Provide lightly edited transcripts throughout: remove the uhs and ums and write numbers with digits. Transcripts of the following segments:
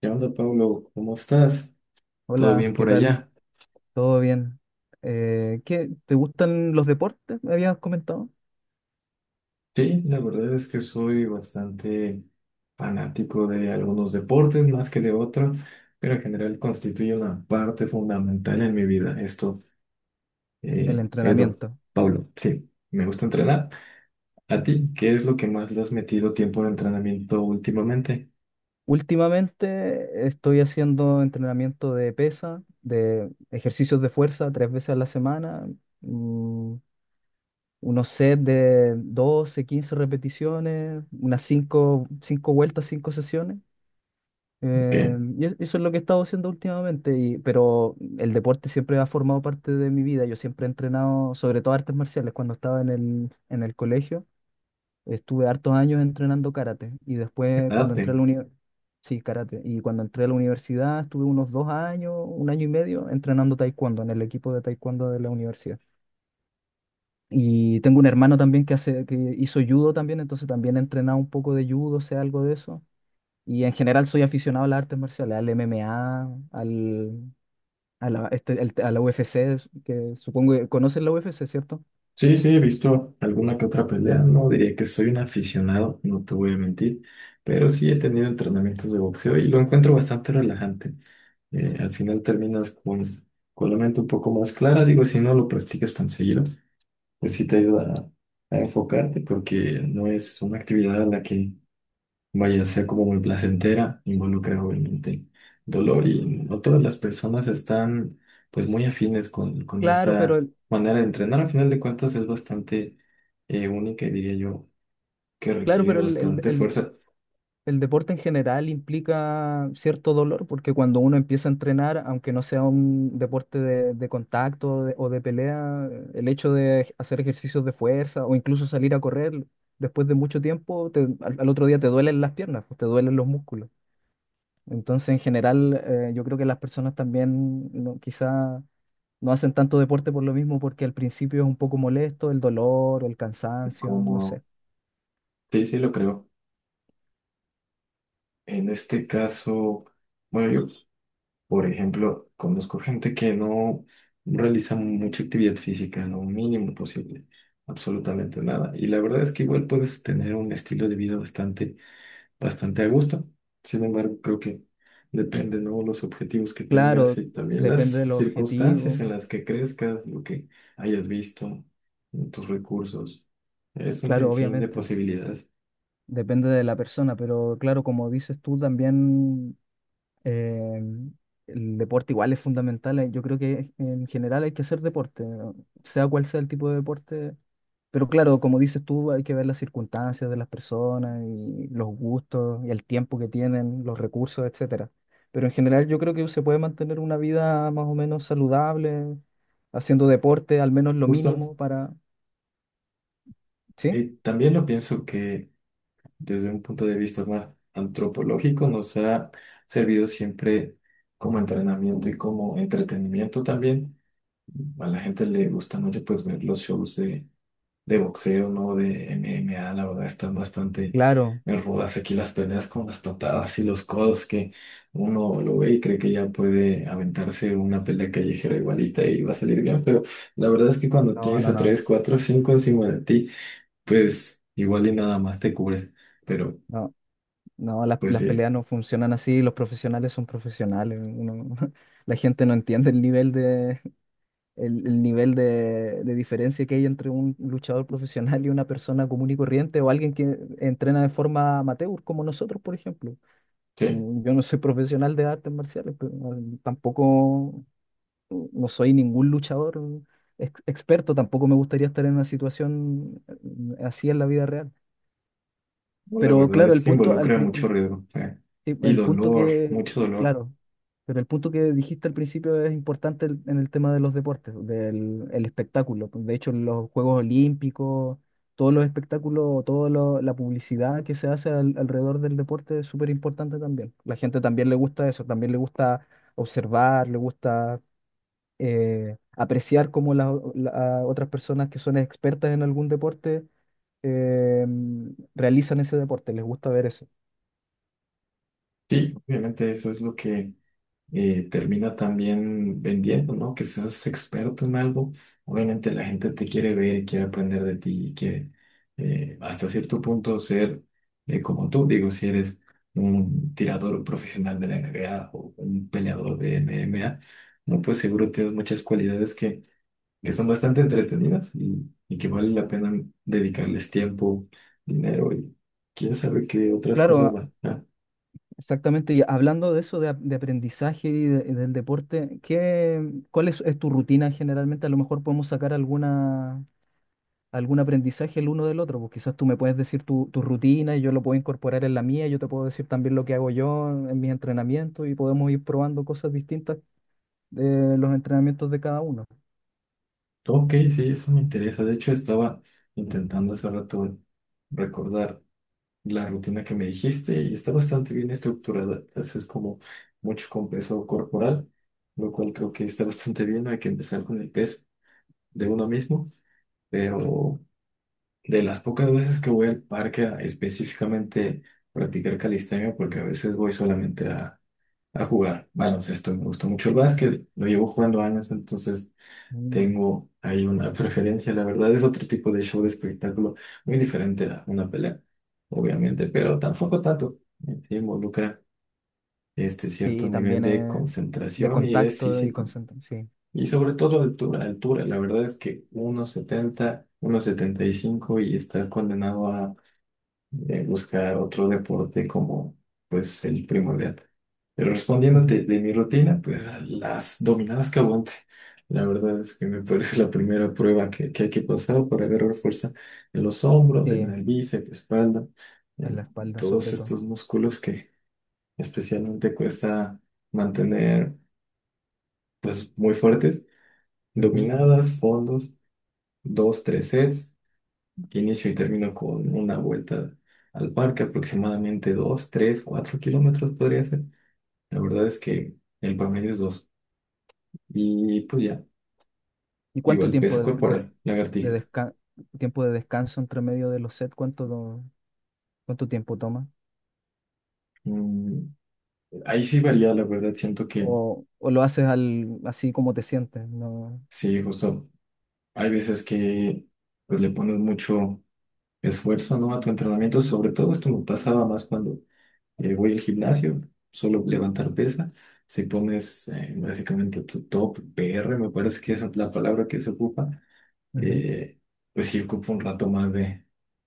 ¿Qué onda, Pablo? ¿Cómo estás? ¿Todo Hola, bien ¿qué por tal? allá? ¿Todo bien? ¿Qué, te gustan los deportes? Me habías comentado. Sí, la verdad es que soy bastante fanático de algunos deportes más que de otros, pero en general constituye una parte fundamental en mi vida. El eh, Edo, entrenamiento. Pablo, sí, me gusta entrenar. ¿A ti qué es lo que más le has metido tiempo de entrenamiento últimamente? Últimamente estoy haciendo entrenamiento de pesa, de ejercicios de fuerza tres veces a la semana, mm, unos sets de 12, 15 repeticiones, unas cinco vueltas, 5 sesiones. ¿Qué? Eso es lo que he estado haciendo últimamente, pero el deporte siempre ha formado parte de mi vida. Yo siempre he entrenado, sobre todo artes marciales, cuando estaba en el colegio. Estuve hartos años entrenando karate y ¿Qué después cuando edad? entré a la universidad, sí, karate, y cuando entré a la universidad estuve unos dos años, un año y medio entrenando taekwondo en el equipo de taekwondo de la universidad. Y tengo un hermano también que hizo judo también, entonces también he entrenado un poco de judo, sé algo de eso. Y en general soy aficionado a las artes marciales, al MMA, al, a la, este- el- a la UFC, que supongo que conocen la UFC, ¿cierto? Sí, sí, he visto alguna que otra pelea. No diría que soy un aficionado, no te voy a mentir, pero sí he tenido entrenamientos de boxeo y lo encuentro bastante relajante. Al final terminas con la mente un poco más clara. Digo, si no lo practicas tan seguido, pues sí te ayuda a enfocarte porque no es una actividad a la que vaya a ser como muy placentera, involucra obviamente dolor y no todas las personas están pues muy afines con Claro, pero esta el, manera de entrenar. Al final de cuentas es bastante única y diría yo que claro, requiere pero el, el- bastante el- fuerza, el deporte en general implica cierto dolor, porque cuando uno empieza a entrenar, aunque no sea un deporte de contacto o de pelea, el hecho de hacer ejercicios de fuerza o incluso salir a correr después de mucho tiempo, al otro día te duelen las piernas, pues, te duelen los músculos. Entonces, en general, yo creo que las personas también no, quizá no hacen tanto deporte por lo mismo, porque al principio es un poco molesto el dolor o el cansancio, no como sé. sí, sí lo creo. En este caso, bueno, yo por ejemplo conozco gente que no realiza mucha actividad física, lo mínimo posible. Absolutamente nada. Y la verdad es que igual puedes tener un estilo de vida bastante bastante a gusto. Sin embargo, creo que depende, ¿no? Los objetivos que tengas Claro, y también las depende de los circunstancias objetivos, en las que crezcas, lo que hayas visto, tus recursos. Es un claro, sinfín de obviamente, posibilidades. depende de la persona, pero claro, como dices tú, también eh, el deporte igual es fundamental. Yo creo que en general hay que hacer deporte, sea cual sea el tipo de deporte. Pero claro, como dices tú, hay que ver las circunstancias de las personas y los gustos y el tiempo que tienen, los recursos, etcétera. Pero en general yo creo que se puede mantener una vida más o menos saludable, haciendo deporte, al menos lo Justo. mínimo para... ¿Sí? Y también lo pienso que desde un punto de vista más antropológico nos ha servido siempre como entrenamiento y como entretenimiento también. A la gente le gusta mucho pues ver los shows de boxeo, ¿no? De MMA, la verdad están bastante Claro. rudas aquí las peleas con las patadas y los codos que uno lo ve y cree que ya puede aventarse una pelea callejera igualita y va a salir bien, pero la verdad es que cuando No, tienes no, a no. 3 4 5 encima de ti, pues igual y nada más te cubre, pero No, no, pues las peleas sí, no funcionan así, los profesionales son profesionales. La gente no entiende el nivel de, el nivel de diferencia que hay entre un luchador profesional y una persona común y corriente o alguien que entrena de forma amateur, como nosotros, por ejemplo. Sí, Yo no soy profesional de artes marciales, pero tampoco no soy ningún luchador experto, tampoco me gustaría estar en una situación así en la vida real. no, la Pero verdad claro, es el que punto, al involucra pri- el, mucho riesgo, eh. Sí, Y el punto dolor, que, mucho dolor. claro, pero el punto que dijiste al principio es importante en el tema de los deportes, del el espectáculo. Pues, de hecho, los Juegos Olímpicos, todos los espectáculos, toda la publicidad que se hace alrededor del deporte es súper importante también. La gente también le gusta eso, también le gusta observar, le gusta apreciar cómo las otras personas que son expertas en algún deporte eh, realizan ese deporte, les gusta ver eso. Sí, obviamente eso es lo que termina también vendiendo, ¿no? Que seas experto en algo. Obviamente la gente te quiere ver y quiere aprender de ti y quiere hasta cierto punto ser como tú. Digo, si eres un tirador profesional de la NBA o un peleador de MMA, no, pues seguro tienes muchas cualidades que son bastante entretenidas y que vale la pena dedicarles tiempo, dinero y quién sabe qué otras cosas Claro, van. exactamente, y hablando de eso, de aprendizaje y del deporte, ¿cuál es tu rutina generalmente? A lo mejor podemos sacar alguna, algún aprendizaje el uno del otro, pues quizás tú me puedes decir tu rutina y yo lo puedo incorporar en la mía, yo te puedo decir también lo que hago yo en mis entrenamientos y podemos ir probando cosas distintas de los entrenamientos de cada uno. Ok, sí, eso me interesa. De hecho, estaba intentando hace rato recordar la rutina que me dijiste y está bastante bien estructurada. Haces como mucho con peso corporal, lo cual creo que está bastante bien. Hay que empezar con el peso de uno mismo, pero de las pocas veces que voy al parque a específicamente practicar calistenia, porque a veces voy solamente a jugar baloncesto. Me gusta mucho el básquet, lo llevo jugando años, entonces Mm. tengo ahí una preferencia, la verdad. Es otro tipo de show de espectáculo, muy diferente a una pelea, obviamente, pero tampoco tanto. Sí, involucra este cierto Y nivel también de de concentración y de contacto y físico. concentración, sí. Y sobre todo de altura, altura. La verdad es que 1,70, 1,75 y cinco y estás condenado buscar otro deporte como pues el primordial. Pero Ujú. respondiéndote de mi rutina, pues a las dominadas que aguante. La verdad es que me parece la primera prueba que hay que pasar para agarrar fuerza en los hombros, en Sí, el bíceps, espalda, en en la espalda todos sobre todo. estos músculos que especialmente cuesta mantener pues muy fuertes. Ujú. Dominadas, fondos, dos, tres sets. Inicio y termino con una vuelta al parque, aproximadamente 2 3 4 kilómetros podría ser. La verdad es que el promedio es dos. Y pues ya, ¿Y cuánto igual tiempo peso corporal, de lagartijas. desca- tiempo de descanso entre medio de los sets? ¿Cuánto tiempo toma? Mm, ahí sí varía, la verdad, siento que O lo haces al, así como te sientes? No. sí, justo hay veces que pues le pones mucho esfuerzo, ¿no? A tu entrenamiento, sobre todo esto me pasaba más cuando voy al gimnasio, solo levantar pesa. Si pones básicamente tu top PR, me parece que esa es la palabra que se ocupa, Ujú. eh, pues sí ocupa un rato más de,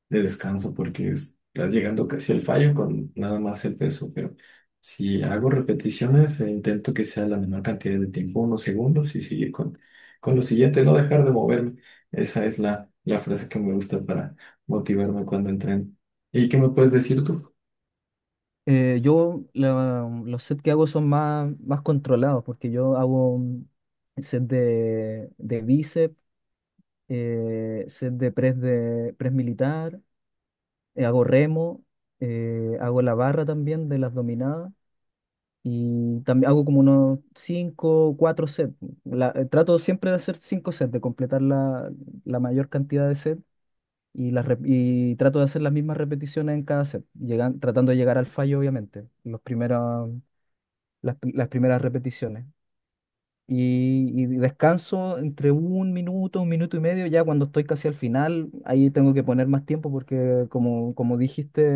de descanso porque estás llegando casi al fallo con nada más el peso. Pero si hago repeticiones, intento que sea la menor cantidad de tiempo, unos segundos, y seguir con lo siguiente, no dejar de moverme. Esa es la frase que me gusta para motivarme cuando entreno. ¿Y qué me puedes decir tú? Los sets que hago son más, más controlados porque yo hago un set de bíceps, set de press militar, hago remo, hago la barra también de las dominadas. Y también hago como unos 5 4 sets. Trato siempre de hacer 5 sets, de completar la, la mayor cantidad de sets y, y trato de hacer las mismas repeticiones en cada set, llegan, tratando de llegar al fallo, obviamente, los primeros, las primeras repeticiones y descanso entre un minuto y medio, ya cuando estoy casi al final, ahí tengo que poner más tiempo porque como dijiste,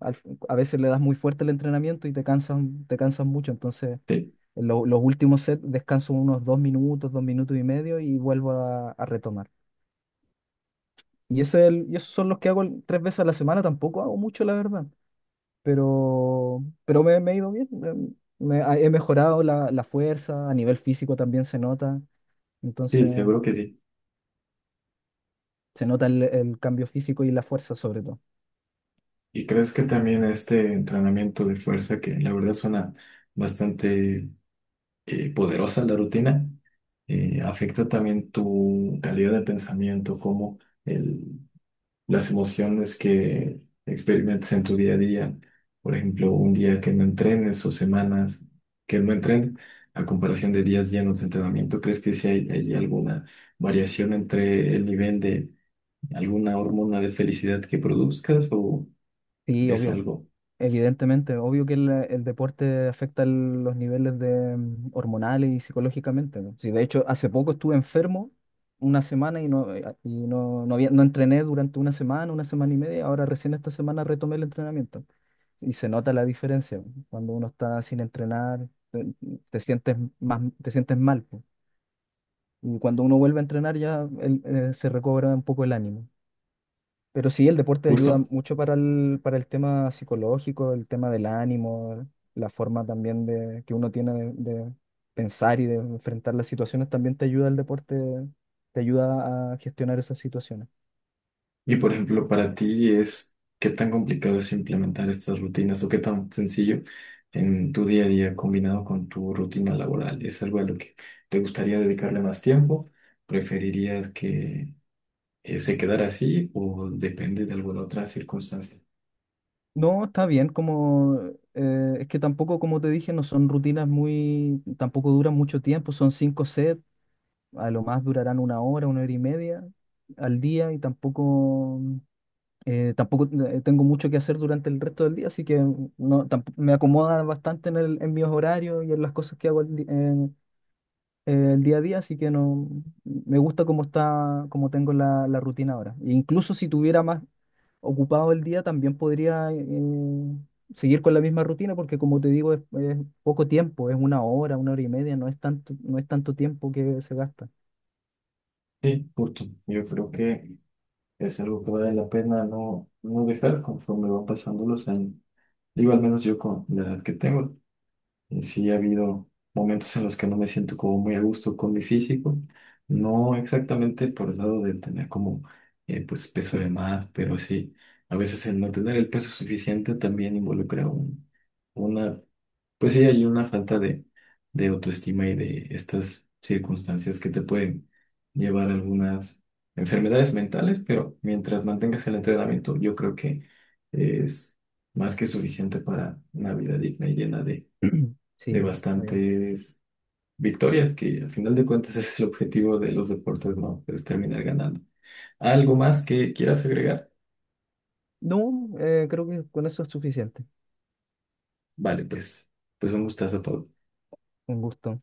al- a veces le das muy fuerte el entrenamiento y te cansas mucho, entonces Sí. en los últimos sets descanso unos dos minutos y medio y vuelvo a retomar. Y, y esos son los que hago tres veces a la semana, tampoco hago mucho, la verdad, pero me he ido bien, he mejorado la, la fuerza, a nivel físico también se nota, Sí, entonces... seguro que sí. Se nota el cambio físico y la fuerza sobre todo. ¿Y crees que también este entrenamiento de fuerza, que la verdad suena bastante poderosa la rutina, afecta también tu calidad de pensamiento, como el, las emociones que experimentas en tu día a día? Por ejemplo, un día que no entrenes o semanas que no entrenes, a comparación de días llenos de entrenamiento, ¿crees que sí hay alguna variación entre el nivel de alguna hormona de felicidad que produzcas o... Sí, es obvio. algo Evidentemente, obvio que el deporte afecta los niveles de, hormonales y psicológicamente, ¿no? Sí, de hecho, hace poco estuve enfermo una semana no había, no entrené durante una semana y media. Ahora recién esta semana retomé el entrenamiento. Y se nota la diferencia, ¿no? Cuando uno está sin entrenar, te sientes más, te sientes mal, pues. Y cuando uno vuelve a entrenar ya se recobra un poco el ánimo. Pero sí, el deporte ayuda justo. mucho para para el tema psicológico, el tema del ánimo, la forma también de, que uno tiene de pensar y de enfrentar las situaciones, también te ayuda el deporte, te ayuda a gestionar esas situaciones. Y por ejemplo, para ti es qué tan complicado es implementar estas rutinas o qué tan sencillo en tu día a día combinado con tu rutina laboral. ¿Es algo a lo que te gustaría dedicarle más tiempo? ¿Preferirías que se quedara así o depende de alguna otra circunstancia? No, está bien, como es que tampoco, como te dije, no son rutinas muy, tampoco duran mucho tiempo, son cinco sets, a lo más durarán una hora y media al día y tampoco... tengo mucho que hacer durante el resto del día, así que no, me acomoda bastante en mis horarios y en las cosas que hago el día a día, así que no, me gusta cómo está, cómo tengo la, la rutina ahora. E incluso si tuviera más ocupado el día, también podría seguir con la misma rutina, porque como te digo, es poco tiempo, es una hora y media, no es tanto, no es tanto tiempo que se gasta. Sí, justo. Yo creo que es algo que vale la pena no, no dejar conforme van pasando los años. Digo, al menos yo con la edad que tengo. Y sí, ha habido momentos en los que no me siento como muy a gusto con mi físico. No exactamente por el lado de tener como pues peso de más, pero sí, a veces el no tener el peso suficiente también involucra una, pues sí, hay una falta de autoestima y de estas circunstancias que te pueden llevar a algunas enfermedades mentales, pero mientras mantengas el entrenamiento, yo creo que es más que suficiente para una vida digna y llena de Sí, está bien. bastantes victorias, que al final de cuentas es el objetivo de los deportes, ¿no? Es terminar ganando. ¿Algo más que quieras agregar? No, creo que con eso es suficiente. Vale, pues un gustazo, Pau. Un gusto.